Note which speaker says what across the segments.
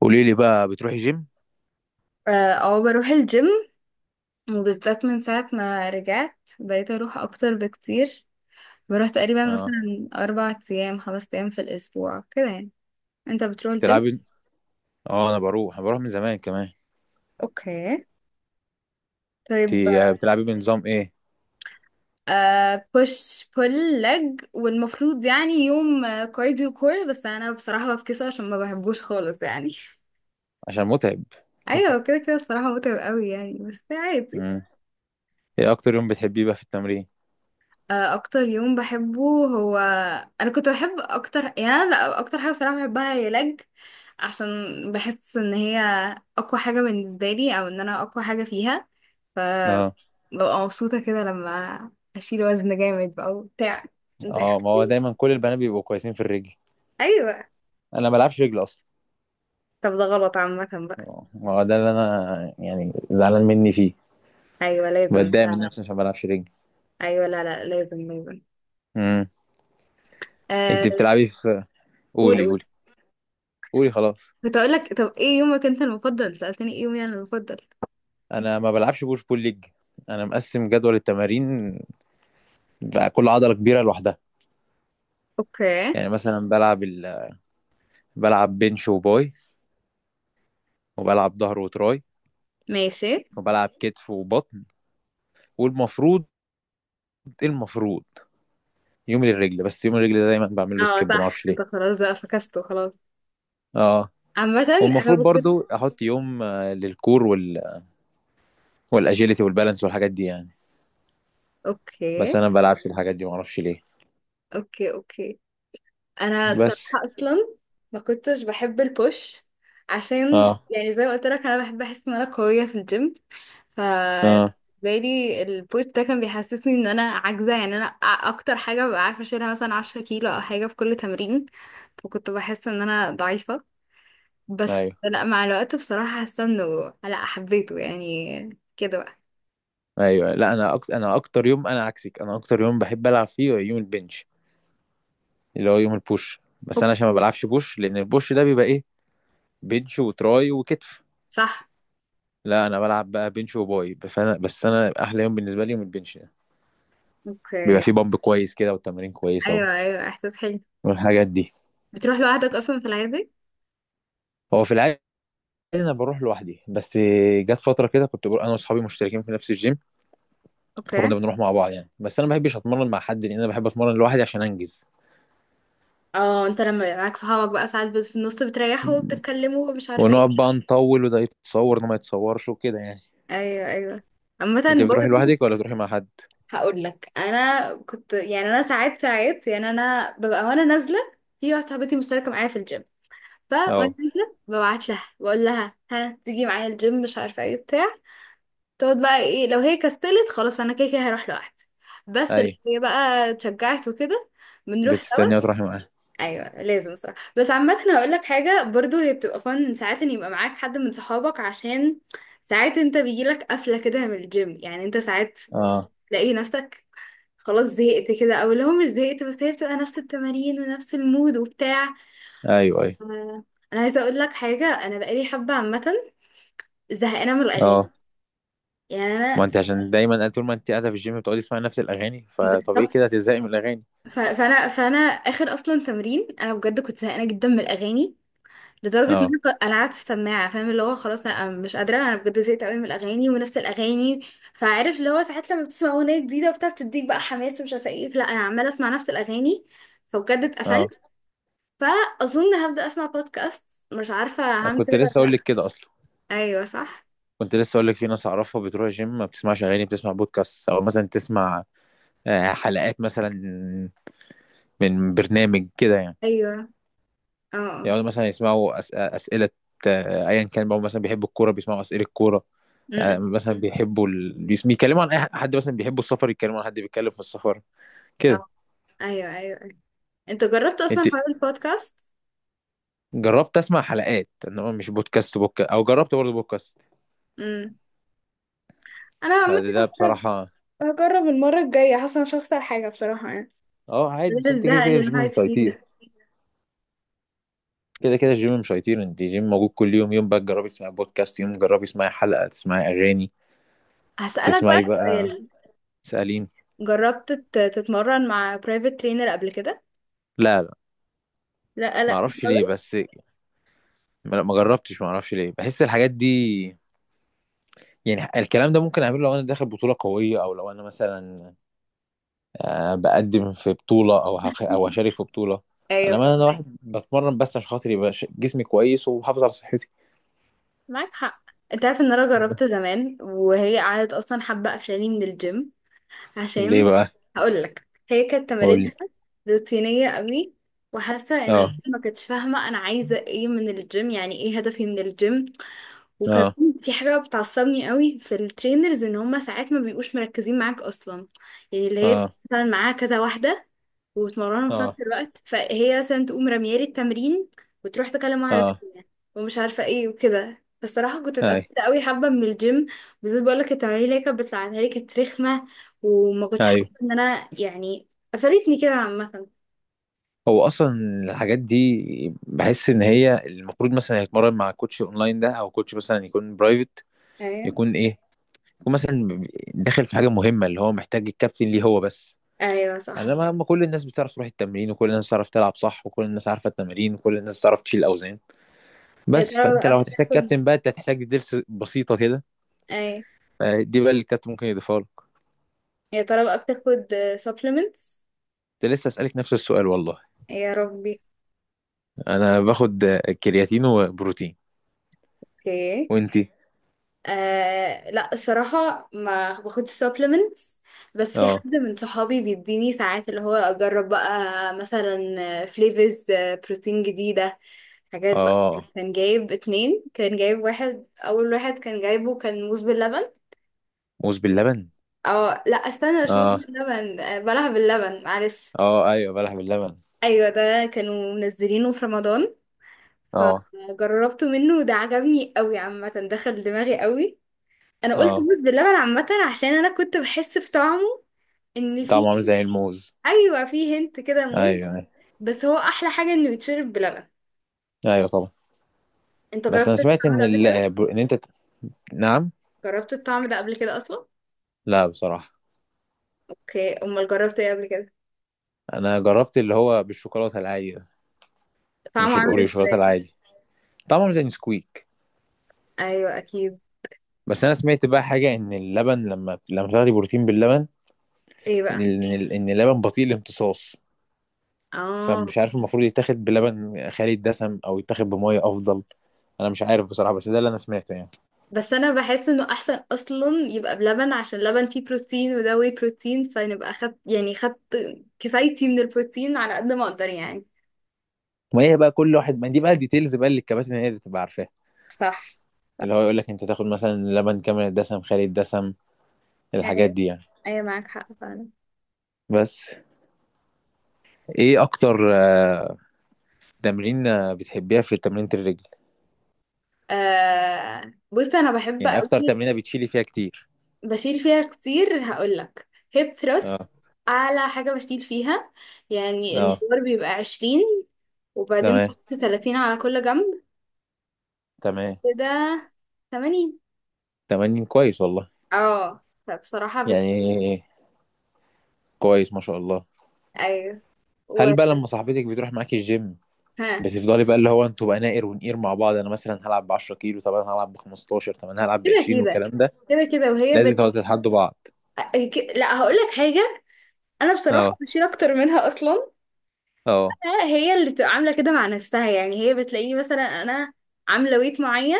Speaker 1: قولي لي بقى بتروحي جيم؟
Speaker 2: اه، أو بروح الجيم. وبالذات من ساعة ما رجعت بقيت اروح اكتر بكتير. بروح تقريبا
Speaker 1: اه.
Speaker 2: مثلا 4 ايام 5 ايام في الاسبوع كده يعني. انت بتروح الجيم؟
Speaker 1: تلعبي؟ اه، انا بروح من زمان كمان.
Speaker 2: اوكي. طيب.
Speaker 1: انت بتلعبي بنظام ايه؟
Speaker 2: بوش بول لج، والمفروض يعني يوم كارديو كور، بس انا بصراحة بفكسه عشان ما بحبوش خالص يعني.
Speaker 1: عشان متعب.
Speaker 2: ايوه، كده كده بصراحة متعب قوي يعني، بس عادي.
Speaker 1: امم. ايه اكتر يوم بتحبيه بقى في التمرين؟
Speaker 2: اكتر يوم بحبه هو انا كنت بحب اكتر، يعني أنا لا اكتر حاجه بصراحه بحبها هي لج. عشان بحس ان هي اقوى حاجه بالنسبه لي، او ان انا اقوى حاجه فيها. ف
Speaker 1: اه
Speaker 2: ببقى مبسوطه كده لما اشيل وزن جامد بقى وبتاع. انت إيه
Speaker 1: اه، ما هو
Speaker 2: رأيك؟
Speaker 1: دايما كل البنات بيبقوا كويسين في الرجل.
Speaker 2: ايوه.
Speaker 1: انا ما بلعبش رجل اصلا.
Speaker 2: طب ده غلط عامه بقى.
Speaker 1: اه، ما هو ده اللي انا زعلان مني فيه.
Speaker 2: ايوه لازم،
Speaker 1: بتضايق
Speaker 2: لا
Speaker 1: من
Speaker 2: لا.
Speaker 1: نفسي عشان ما بلعبش رجل.
Speaker 2: ايوه، لا لا، لازم لازم.
Speaker 1: امم. انت
Speaker 2: آه.
Speaker 1: بتلعبي في
Speaker 2: قول
Speaker 1: قولي
Speaker 2: قول.
Speaker 1: قولي. قولي خلاص.
Speaker 2: كنت اقول لك، طب ايه يومك انت المفضل، سالتني ايه يومي انا المفضل.
Speaker 1: انا ما بلعبش بوش بول ليج. انا مقسم جدول التمارين بقى، كل عضله كبيره لوحدها.
Speaker 2: اوكي.
Speaker 1: يعني مثلا بلعب بنش وباي، وبلعب ظهر وتراي،
Speaker 2: ماشي.
Speaker 1: وبلعب كتف وبطن. والمفروض إيه المفروض؟ يوم للرجل، بس يوم الرجل ده دايما بعمل له
Speaker 2: اه
Speaker 1: سكيب، ما
Speaker 2: صح،
Speaker 1: اعرفش
Speaker 2: انت
Speaker 1: ليه.
Speaker 2: خلاص بقى فكسته خلاص.
Speaker 1: اه.
Speaker 2: عامة انا
Speaker 1: والمفروض
Speaker 2: ما كنت.
Speaker 1: برضو احط يوم للكور والاجيلتي والبالانس والحاجات دي.
Speaker 2: اوكي
Speaker 1: بس انا ما بلعبش الحاجات دي، ما اعرفش ليه
Speaker 2: اوكي اوكي. انا الصراحة
Speaker 1: بس.
Speaker 2: اصلا ما كنتش بحب البوش. عشان
Speaker 1: اه
Speaker 2: يعني زي ما قلت لك انا بحب احس ان انا قوية في الجيم. ف
Speaker 1: اه،
Speaker 2: بالي البوش ده كان بيحسسني ان انا عاجزة، يعني انا اكتر حاجة ببقى عارفة اشيلها مثلا 10 كيلو او حاجة في كل تمرين. فكنت بحس ان انا ضعيفة. بس
Speaker 1: ايوه
Speaker 2: لا، مع الوقت بصراحة حاسة انه لا حبيته يعني. كده بقى.
Speaker 1: ايوه. لا، انا اكتر يوم، انا عكسك، انا اكتر يوم بحب العب فيه هو يوم البنش، اللي هو يوم البوش. بس انا عشان ما
Speaker 2: اوكي.
Speaker 1: بلعبش بوش، لان البوش ده بيبقى ايه؟ بنش وتراي وكتف.
Speaker 2: صح.
Speaker 1: لا، انا بلعب بقى بنش وباي بس. انا احلى يوم بالنسبه لي يوم البنش ده. بيبقى
Speaker 2: اوكي.
Speaker 1: فيه بامب كويس كده والتمارين
Speaker 2: ايوه ايوه، احساس حلو.
Speaker 1: والحاجات دي.
Speaker 2: بتروح لوحدك اصلا في العادي؟
Speaker 1: هو في العادي انا بروح لوحدي. بس جت فتره كده كنت بروح انا واصحابي، مشتركين في نفس الجيم، فكنا
Speaker 2: اوكي.
Speaker 1: بنروح مع بعض يعني. بس انا ما بحبش اتمرن مع حد، لان انا بحب اتمرن لوحدي عشان انجز.
Speaker 2: اه، انت لما يبقى معاك صحابك بقى ساعات في النص بتريحوا وبتتكلموا ومش عارفه
Speaker 1: ونقعد
Speaker 2: ايه.
Speaker 1: بقى نطول، وده يتصور وده ما يتصورش وكده يعني.
Speaker 2: ايوه ايوه. عامه.
Speaker 1: انت بتروحي
Speaker 2: برضو
Speaker 1: لوحدك ولا بتروحي مع حد؟
Speaker 2: هقول لك، انا كنت يعني انا ساعات ساعات، يعني انا ببقى وانا نازله، في واحده صاحبتي مشتركه معايا في الجيم، فوانا
Speaker 1: اه.
Speaker 2: نازله ببعت لها بقول لها ها تيجي معايا الجيم مش عارفه ايه بتاع. تقعد بقى ايه، لو هي كسلت خلاص انا كده كده هروح لوحدي، بس لو
Speaker 1: ايوه.
Speaker 2: هي بقى اتشجعت وكده بنروح سوا.
Speaker 1: بتستني وتروحي معاه؟
Speaker 2: ايوه لازم صراحه. بس عامه هقول لك حاجه برضو، هي بتبقى فن ساعات ان يبقى معاك حد من صحابك. عشان ساعات انت بيجيلك قفله كده من الجيم، يعني انت ساعات
Speaker 1: اه،
Speaker 2: تلاقي نفسك خلاص زهقت كده، او اللي هو مش زهقت بس هي بتبقى نفس التمارين ونفس المود وبتاع.
Speaker 1: ايوه ايوه.
Speaker 2: آه، انا عايزه اقول لك حاجه، انا بقالي حبه عامه زهقانه من الاغاني.
Speaker 1: اه
Speaker 2: يعني
Speaker 1: ما
Speaker 2: انا.
Speaker 1: انت عشان دايما طول ما انت قاعده في الجيم بتقعدي تسمعي نفس الاغاني، فطبيعي
Speaker 2: بالظبط.
Speaker 1: كده هتزهقي من الاغاني.
Speaker 2: فانا اخر اصلا تمرين انا بجد كنت زهقانه جدا من الاغاني، لدرجه ان
Speaker 1: اه
Speaker 2: انا قعدت السماعه، فاهم اللي هو خلاص انا مش قادره، انا بجد زهقت قوي من الاغاني ونفس الاغاني. فعارف اللي هو ساعات لما بتسمع اغنيه جديده وبتاع بتديك بقى حماس ومش عارفه ايه، فلا انا عماله اسمع نفس الاغاني فبجد اتقفلت.
Speaker 1: اه.
Speaker 2: فاظن هبدا اسمع بودكاست، مش عارفه
Speaker 1: انا
Speaker 2: هعمل
Speaker 1: كنت
Speaker 2: كده ولا
Speaker 1: لسه اقول
Speaker 2: لا.
Speaker 1: لك كده اصلا.
Speaker 2: ايوه صح.
Speaker 1: كنت لسه اقول لك في ناس اعرفها بتروح الجيم ما بتسمعش اغاني، بتسمع بودكاست، او مثلا تسمع حلقات مثلا من برنامج كده يعني.
Speaker 2: ايوه. اه اه.
Speaker 1: يعني مثلا اسئله، ايا كان بقى. مثلا بيحبوا الكوره بيسمعوا اسئله الكوره،
Speaker 2: م-م.
Speaker 1: مثلا بيتكلموا عن اي حد. مثلا بيحبوا السفر يتكلموا عن حد بيتكلم في السفر كده.
Speaker 2: آه. ايوه ايوه ايوه. انت جربت اصلا
Speaker 1: انت
Speaker 2: حوار البودكاست؟
Speaker 1: جربت اسمع حلقات انما مش بودكاست بوك، او جربت برضه بودكاست؟
Speaker 2: امم. انا عامه
Speaker 1: فده
Speaker 2: هجرب،
Speaker 1: بصراحة.
Speaker 2: هجرب المره الجايه. حاسه مش هخسر حاجه بصراحه يعني،
Speaker 1: اه عادي،
Speaker 2: غير
Speaker 1: بس انت كده
Speaker 2: الزهق
Speaker 1: كده
Speaker 2: اللي
Speaker 1: الجيم
Speaker 2: الواحد
Speaker 1: مش
Speaker 2: فيه
Speaker 1: هيطير.
Speaker 2: ده.
Speaker 1: كده كده الجيم مش هيطير، انت الجيم موجود كل يوم. يوم بقى تجربي تسمعي بودكاست، يوم جربي تسمعي حلقة، تسمعي أغاني،
Speaker 2: هسألك
Speaker 1: تسمعي
Speaker 2: بقى
Speaker 1: بقى.
Speaker 2: سؤال.
Speaker 1: سألين؟
Speaker 2: جربت تتمرن مع برايفت ترينر قبل كده؟
Speaker 1: لا لا،
Speaker 2: لا
Speaker 1: ما
Speaker 2: لا
Speaker 1: اعرفش ليه
Speaker 2: خالص.
Speaker 1: بس، ما جربتش. ما اعرفش ليه، بحس الحاجات دي يعني الكلام ده ممكن اعمله لو انا داخل بطولة قوية، او لو انا مثلا بقدم في بطولة، او هشارك في بطولة.
Speaker 2: ايوه
Speaker 1: انا ما انا
Speaker 2: فاهمك.
Speaker 1: واحد بتمرن بس عشان خاطر يبقى جسمي كويس وحافظ على صحتي.
Speaker 2: معاك حق. انت عارف ان انا جربت زمان وهي قعدت اصلا حابه قفشاني من الجيم.
Speaker 1: ليه
Speaker 2: عشان
Speaker 1: بقى؟
Speaker 2: هقول لك، هي كانت
Speaker 1: قول لي.
Speaker 2: تمارينها روتينيه قوي، وحاسه ان هي
Speaker 1: اه.
Speaker 2: ما كانتش فاهمه انا عايزه ايه من الجيم، يعني ايه هدفي من الجيم.
Speaker 1: اه.
Speaker 2: وكمان في حاجه بتعصبني قوي في الترينرز، ان هم ساعات ما بيبقوش مركزين معاك اصلا. يعني اللي هي
Speaker 1: اه.
Speaker 2: مثلا معاها كذا واحده، وتمرنهم في
Speaker 1: اه.
Speaker 2: نفس الوقت، فهي مثلا تقوم رميالي التمرين وتروح تكلم واحدة
Speaker 1: اه.
Speaker 2: تانية ومش عارفة ايه وكده. فالصراحة كنت
Speaker 1: اي،
Speaker 2: اتقفلت قوي حبة من الجيم. بالذات بقولك التمارين اللي هي كانت بتلعبها لي كانت رخمة، وما كنتش حاسة
Speaker 1: ايوه.
Speaker 2: ان انا يعني قفلتني كده عامة.
Speaker 1: هو اصلا الحاجات دي بحس ان هي المفروض مثلا يتمرن مع كوتش اونلاين ده، او كوتش مثلا يكون برايفت.
Speaker 2: ايوه
Speaker 1: يكون ايه؟ يكون مثلا داخل في حاجه مهمه، اللي هو محتاج الكابتن ليه هو بس.
Speaker 2: ايوه
Speaker 1: انا
Speaker 2: صح.
Speaker 1: ما ما كل الناس بتعرف تروح التمرين، وكل الناس بتعرف تلعب صح، وكل الناس عارفه التمارين، وكل الناس بتعرف تشيل اوزان.
Speaker 2: يا
Speaker 1: بس
Speaker 2: ترى
Speaker 1: فانت
Speaker 2: بقى
Speaker 1: لو هتحتاج
Speaker 2: بتاخد
Speaker 1: كابتن بقى، انت هتحتاج دروس بسيطه كده،
Speaker 2: ايوه
Speaker 1: دي بقى اللي الكابتن ممكن يضيفها لك.
Speaker 2: يا ترى بقى بتاخد supplements؟
Speaker 1: كنت لسه اسالك نفس السؤال والله.
Speaker 2: يا ربي.
Speaker 1: انا باخد كرياتين وبروتين.
Speaker 2: اوكي.
Speaker 1: وانتي؟
Speaker 2: لا الصراحة ما باخدش supplements. بس في حد
Speaker 1: آه.
Speaker 2: من صحابي بيديني ساعات اللي هو أجرب بقى مثلا flavors بروتين جديدة. حاجات بقى.
Speaker 1: اه
Speaker 2: كان جايب اتنين، كان جايب واحد، أول واحد كان جايبه كان موز باللبن.
Speaker 1: موز باللبن.
Speaker 2: اه لا استنى، مش موز
Speaker 1: اه
Speaker 2: باللبن، بلح باللبن معلش.
Speaker 1: اه، ايوه، بلح باللبن.
Speaker 2: أيوة، ده كانوا منزلينه في رمضان.
Speaker 1: اه
Speaker 2: فجربته منه وده عجبني قوي عامة، دخل دماغي قوي. انا قلت
Speaker 1: اه،
Speaker 2: موز باللبن عامه عشان انا كنت بحس في طعمه ان
Speaker 1: طعمه
Speaker 2: في.
Speaker 1: عامل زي الموز.
Speaker 2: ايوه، في هنت كده
Speaker 1: ايوه
Speaker 2: موز.
Speaker 1: ايوه.
Speaker 2: بس هو احلى حاجه انه يتشرب بلبن.
Speaker 1: ايوه طبعا.
Speaker 2: انت
Speaker 1: بس انا
Speaker 2: جربت
Speaker 1: سمعت
Speaker 2: الطعم
Speaker 1: ان
Speaker 2: ده قبل
Speaker 1: ال...
Speaker 2: كده؟
Speaker 1: ان انت ت- نعم؟
Speaker 2: جربت الطعم ده قبل كده اصلا؟
Speaker 1: لا بصراحه.
Speaker 2: اوكي. امال جربت ايه قبل كده؟
Speaker 1: انا جربت اللي هو بالشوكولاته العاديه،
Speaker 2: طعمه
Speaker 1: مش
Speaker 2: عامل
Speaker 1: الاوريو، الشوكولاته
Speaker 2: ازاي؟
Speaker 1: العادي. طعمه عامل زي نسكويك.
Speaker 2: ايوه اكيد.
Speaker 1: بس انا سمعت بقى حاجه، ان اللبن لما تاخدي بروتين باللبن،
Speaker 2: ايه بقى؟
Speaker 1: ان اللبن بطيء الامتصاص.
Speaker 2: اه.
Speaker 1: فمش عارف المفروض يتاخد بلبن خالي الدسم، او يتاخد بميه افضل. انا مش عارف بصراحه، بس ده اللي انا سمعته يعني.
Speaker 2: بس انا بحس انه احسن اصلا يبقى بلبن عشان اللبن فيه بروتين، وده واي بروتين، فنبقى خدت يعني خدت كفايتي من البروتين على قد ما اقدر يعني.
Speaker 1: ما هي بقى كل واحد ما دي بقى الديتيلز بقى اللي الكباتن هي اللي بتبقى عارفاها،
Speaker 2: صح. صح.
Speaker 1: اللي هو يقول لك انت تاخد مثلا لبن كامل الدسم، خالي الدسم، الحاجات
Speaker 2: ايوه
Speaker 1: دي يعني.
Speaker 2: ايوه، معاك حق فعلا.
Speaker 1: بس ايه اكتر تمرين بتحبيها في تمرينة الرجل؟
Speaker 2: آه بص، انا بحب
Speaker 1: يعني اكتر
Speaker 2: قوي.
Speaker 1: تمرينة بتشيلي فيها كتير؟
Speaker 2: بشيل فيها كتير هقولك، هيب ثروست،
Speaker 1: اه
Speaker 2: اعلى حاجة بشيل فيها. يعني
Speaker 1: اه.
Speaker 2: البار بيبقى 20، وبعدين
Speaker 1: تمام
Speaker 2: بحط 30 على كل جنب،
Speaker 1: تمام.
Speaker 2: كده 80.
Speaker 1: تمرين كويس والله.
Speaker 2: اه فبصراحة بت.
Speaker 1: يعني كويس ما شاء الله.
Speaker 2: ايوه.
Speaker 1: هل
Speaker 2: و...
Speaker 1: بقى لما صاحبتك بتروح معاكي الجيم،
Speaker 2: ها.
Speaker 1: بتفضلي بقى اللي هو انتوا بقى ناقر ونقير مع بعض؟ انا مثلا هلعب ب 10 كيلو، طب انا هلعب ب 15، طب انا هلعب ب
Speaker 2: كده
Speaker 1: 20،
Speaker 2: كده
Speaker 1: والكلام ده.
Speaker 2: كده كده وهي
Speaker 1: لازم تقعدوا تتحدوا بعض.
Speaker 2: لا هقولك حاجة، انا بصراحة
Speaker 1: اه
Speaker 2: بشيل اكتر منها اصلا.
Speaker 1: اه،
Speaker 2: هي اللي بتبقى عامله كده مع نفسها، يعني هي بتلاقيني مثلا انا عامله ويت معين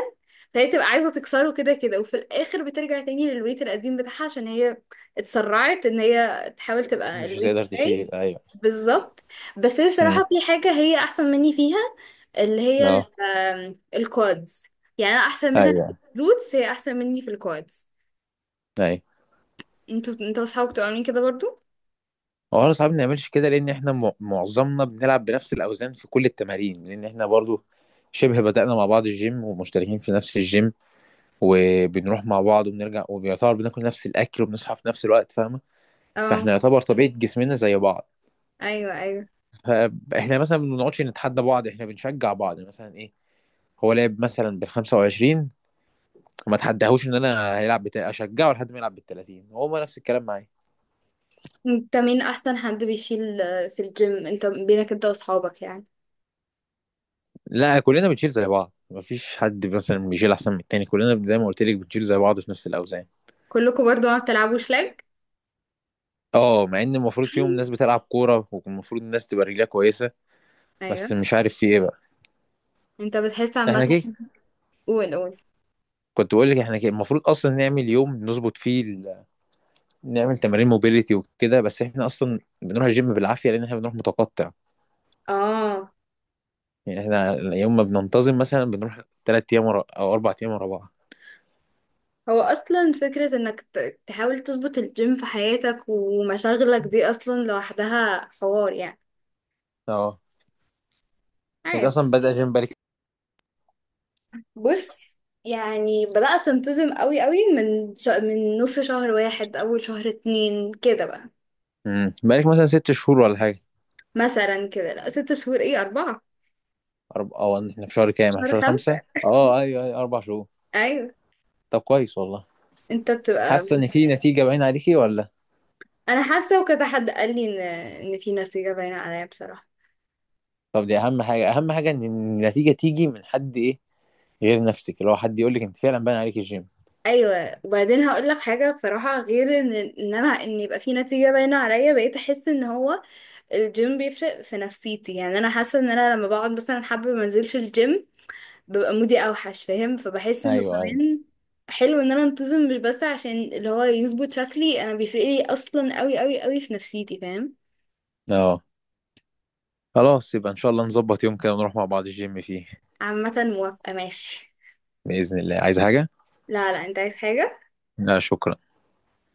Speaker 2: فهي تبقى عايزه تكسره كده كده، وفي الاخر بترجع تاني للويت القديم بتاعها عشان هي اتسرعت ان هي تحاول تبقى
Speaker 1: مش
Speaker 2: الويت
Speaker 1: هتقدر
Speaker 2: بتاعي.
Speaker 1: تشيل، ايوه.
Speaker 2: بالظبط. بس هي
Speaker 1: امم.
Speaker 2: الصراحه في حاجه هي احسن مني فيها، اللي هي ال-
Speaker 1: اه،
Speaker 2: آم، الكوادز. يعني انا احسن منها في
Speaker 1: ايوه
Speaker 2: الروتس، هي احسن مني في الكوادز.
Speaker 1: ايوه.
Speaker 2: انتوا، انتوا اصحابك بتبقوا عاملين كده برضو؟
Speaker 1: هو احنا صعب نعملش كده، لان احنا معظمنا بنلعب بنفس الاوزان في كل التمارين. لان احنا برضو شبه بدأنا مع بعض الجيم، ومشتركين في نفس الجيم، وبنروح مع بعض وبنرجع، وبيعتبر بناكل نفس الاكل وبنصحى في نفس الوقت، فاهمه؟
Speaker 2: اه.
Speaker 1: فاحنا يعتبر طبيعه جسمنا زي بعض.
Speaker 2: ايوه ايوه.
Speaker 1: فاحنا مثلا ما بنقعدش نتحدى بعض، احنا بنشجع بعض. يعني مثلا ايه، هو لعب مثلا بال 25، ما تحداهوش ان اشجعه لحد ما يلعب بال 30. هو نفس الكلام معايا.
Speaker 2: انت مين احسن حد بيشيل في الجيم، انت بينك انت واصحابك يعني؟
Speaker 1: لا، كلنا بنشيل زي بعض، مفيش حد مثلا بيشيل احسن من التاني. كلنا زي ما قلت لك بنشيل زي بعض في نفس الاوزان.
Speaker 2: كلكم برضو ما بتلعبوش شلك؟
Speaker 1: اه، مع ان المفروض فيهم ناس بتلعب كوره، والمفروض الناس تبقى رجلها كويسه،
Speaker 2: ايوه.
Speaker 1: بس مش عارف في ايه بقى.
Speaker 2: انت بتحس عامه.
Speaker 1: احنا كده.
Speaker 2: قول قول.
Speaker 1: كنت بقول لك احنا كده المفروض اصلا نعمل يوم نظبط فيه نعمل تمارين موبيليتي وكده. بس احنا اصلا بنروح الجيم بالعافيه، لان احنا بنروح متقطع.
Speaker 2: اه،
Speaker 1: يعني احنا يوم ما بننتظم مثلا بنروح ثلاث او 4 ايام ورا بعض.
Speaker 2: هو اصلا فكره انك تحاول تظبط الجيم في حياتك ومشاغلك دي اصلا لوحدها حوار يعني.
Speaker 1: اه. انت
Speaker 2: عادي.
Speaker 1: اصلا بدأ جيم بالك؟
Speaker 2: بص يعني بدات انتظم قوي قوي من من نص شهر 1، اول شهر 2 كده بقى.
Speaker 1: امم، بقالك مثلا 6 شهور ولا حاجه؟
Speaker 2: مثلا كده، لا 6 شهور، ايه اربعه.
Speaker 1: أرب... اه احنا في شهر كام؟ احنا في
Speaker 2: شهر
Speaker 1: شهر 5؟
Speaker 2: خمسه
Speaker 1: اه ايوه ايوه، 4 شهور.
Speaker 2: ايوه.
Speaker 1: طب كويس والله.
Speaker 2: انت بتبقى.
Speaker 1: حاسة ان في نتيجة باينة عليكي ولا؟
Speaker 2: انا حاسه وكذا حد قال لي ان، ان في نتيجه باينه عليا بصراحه.
Speaker 1: طب دي اهم حاجة، اهم حاجة ان النتيجة تيجي من حد ايه، غير نفسك، اللي هو حد يقول لك انت فعلا باين عليك الجيم.
Speaker 2: ايوه، وبعدين هقول لك حاجه بصراحه، غير ان انا ان يبقى في نتيجه باينه عليا، بقيت احس ان هو الجيم بيفرق في نفسيتي. يعني انا حاسه ان انا لما بقعد مثلا حابه ما انزلش الجيم، ببقى مودي اوحش فاهم. فبحس انه
Speaker 1: ايوه ايوه.
Speaker 2: كمان حلو ان انا انتظم، مش بس عشان اللي هو يظبط شكلي، انا بيفرق لي اصلا قوي قوي قوي في نفسيتي فاهم.
Speaker 1: اه. خلاص يبقى ان شاء الله نظبط يوم كده ونروح مع بعض الجيم فيه.
Speaker 2: عامه موافقه. ماشي.
Speaker 1: بإذن الله، عايز حاجة؟
Speaker 2: لا لا، انت عايز حاجه.
Speaker 1: لا شكرا.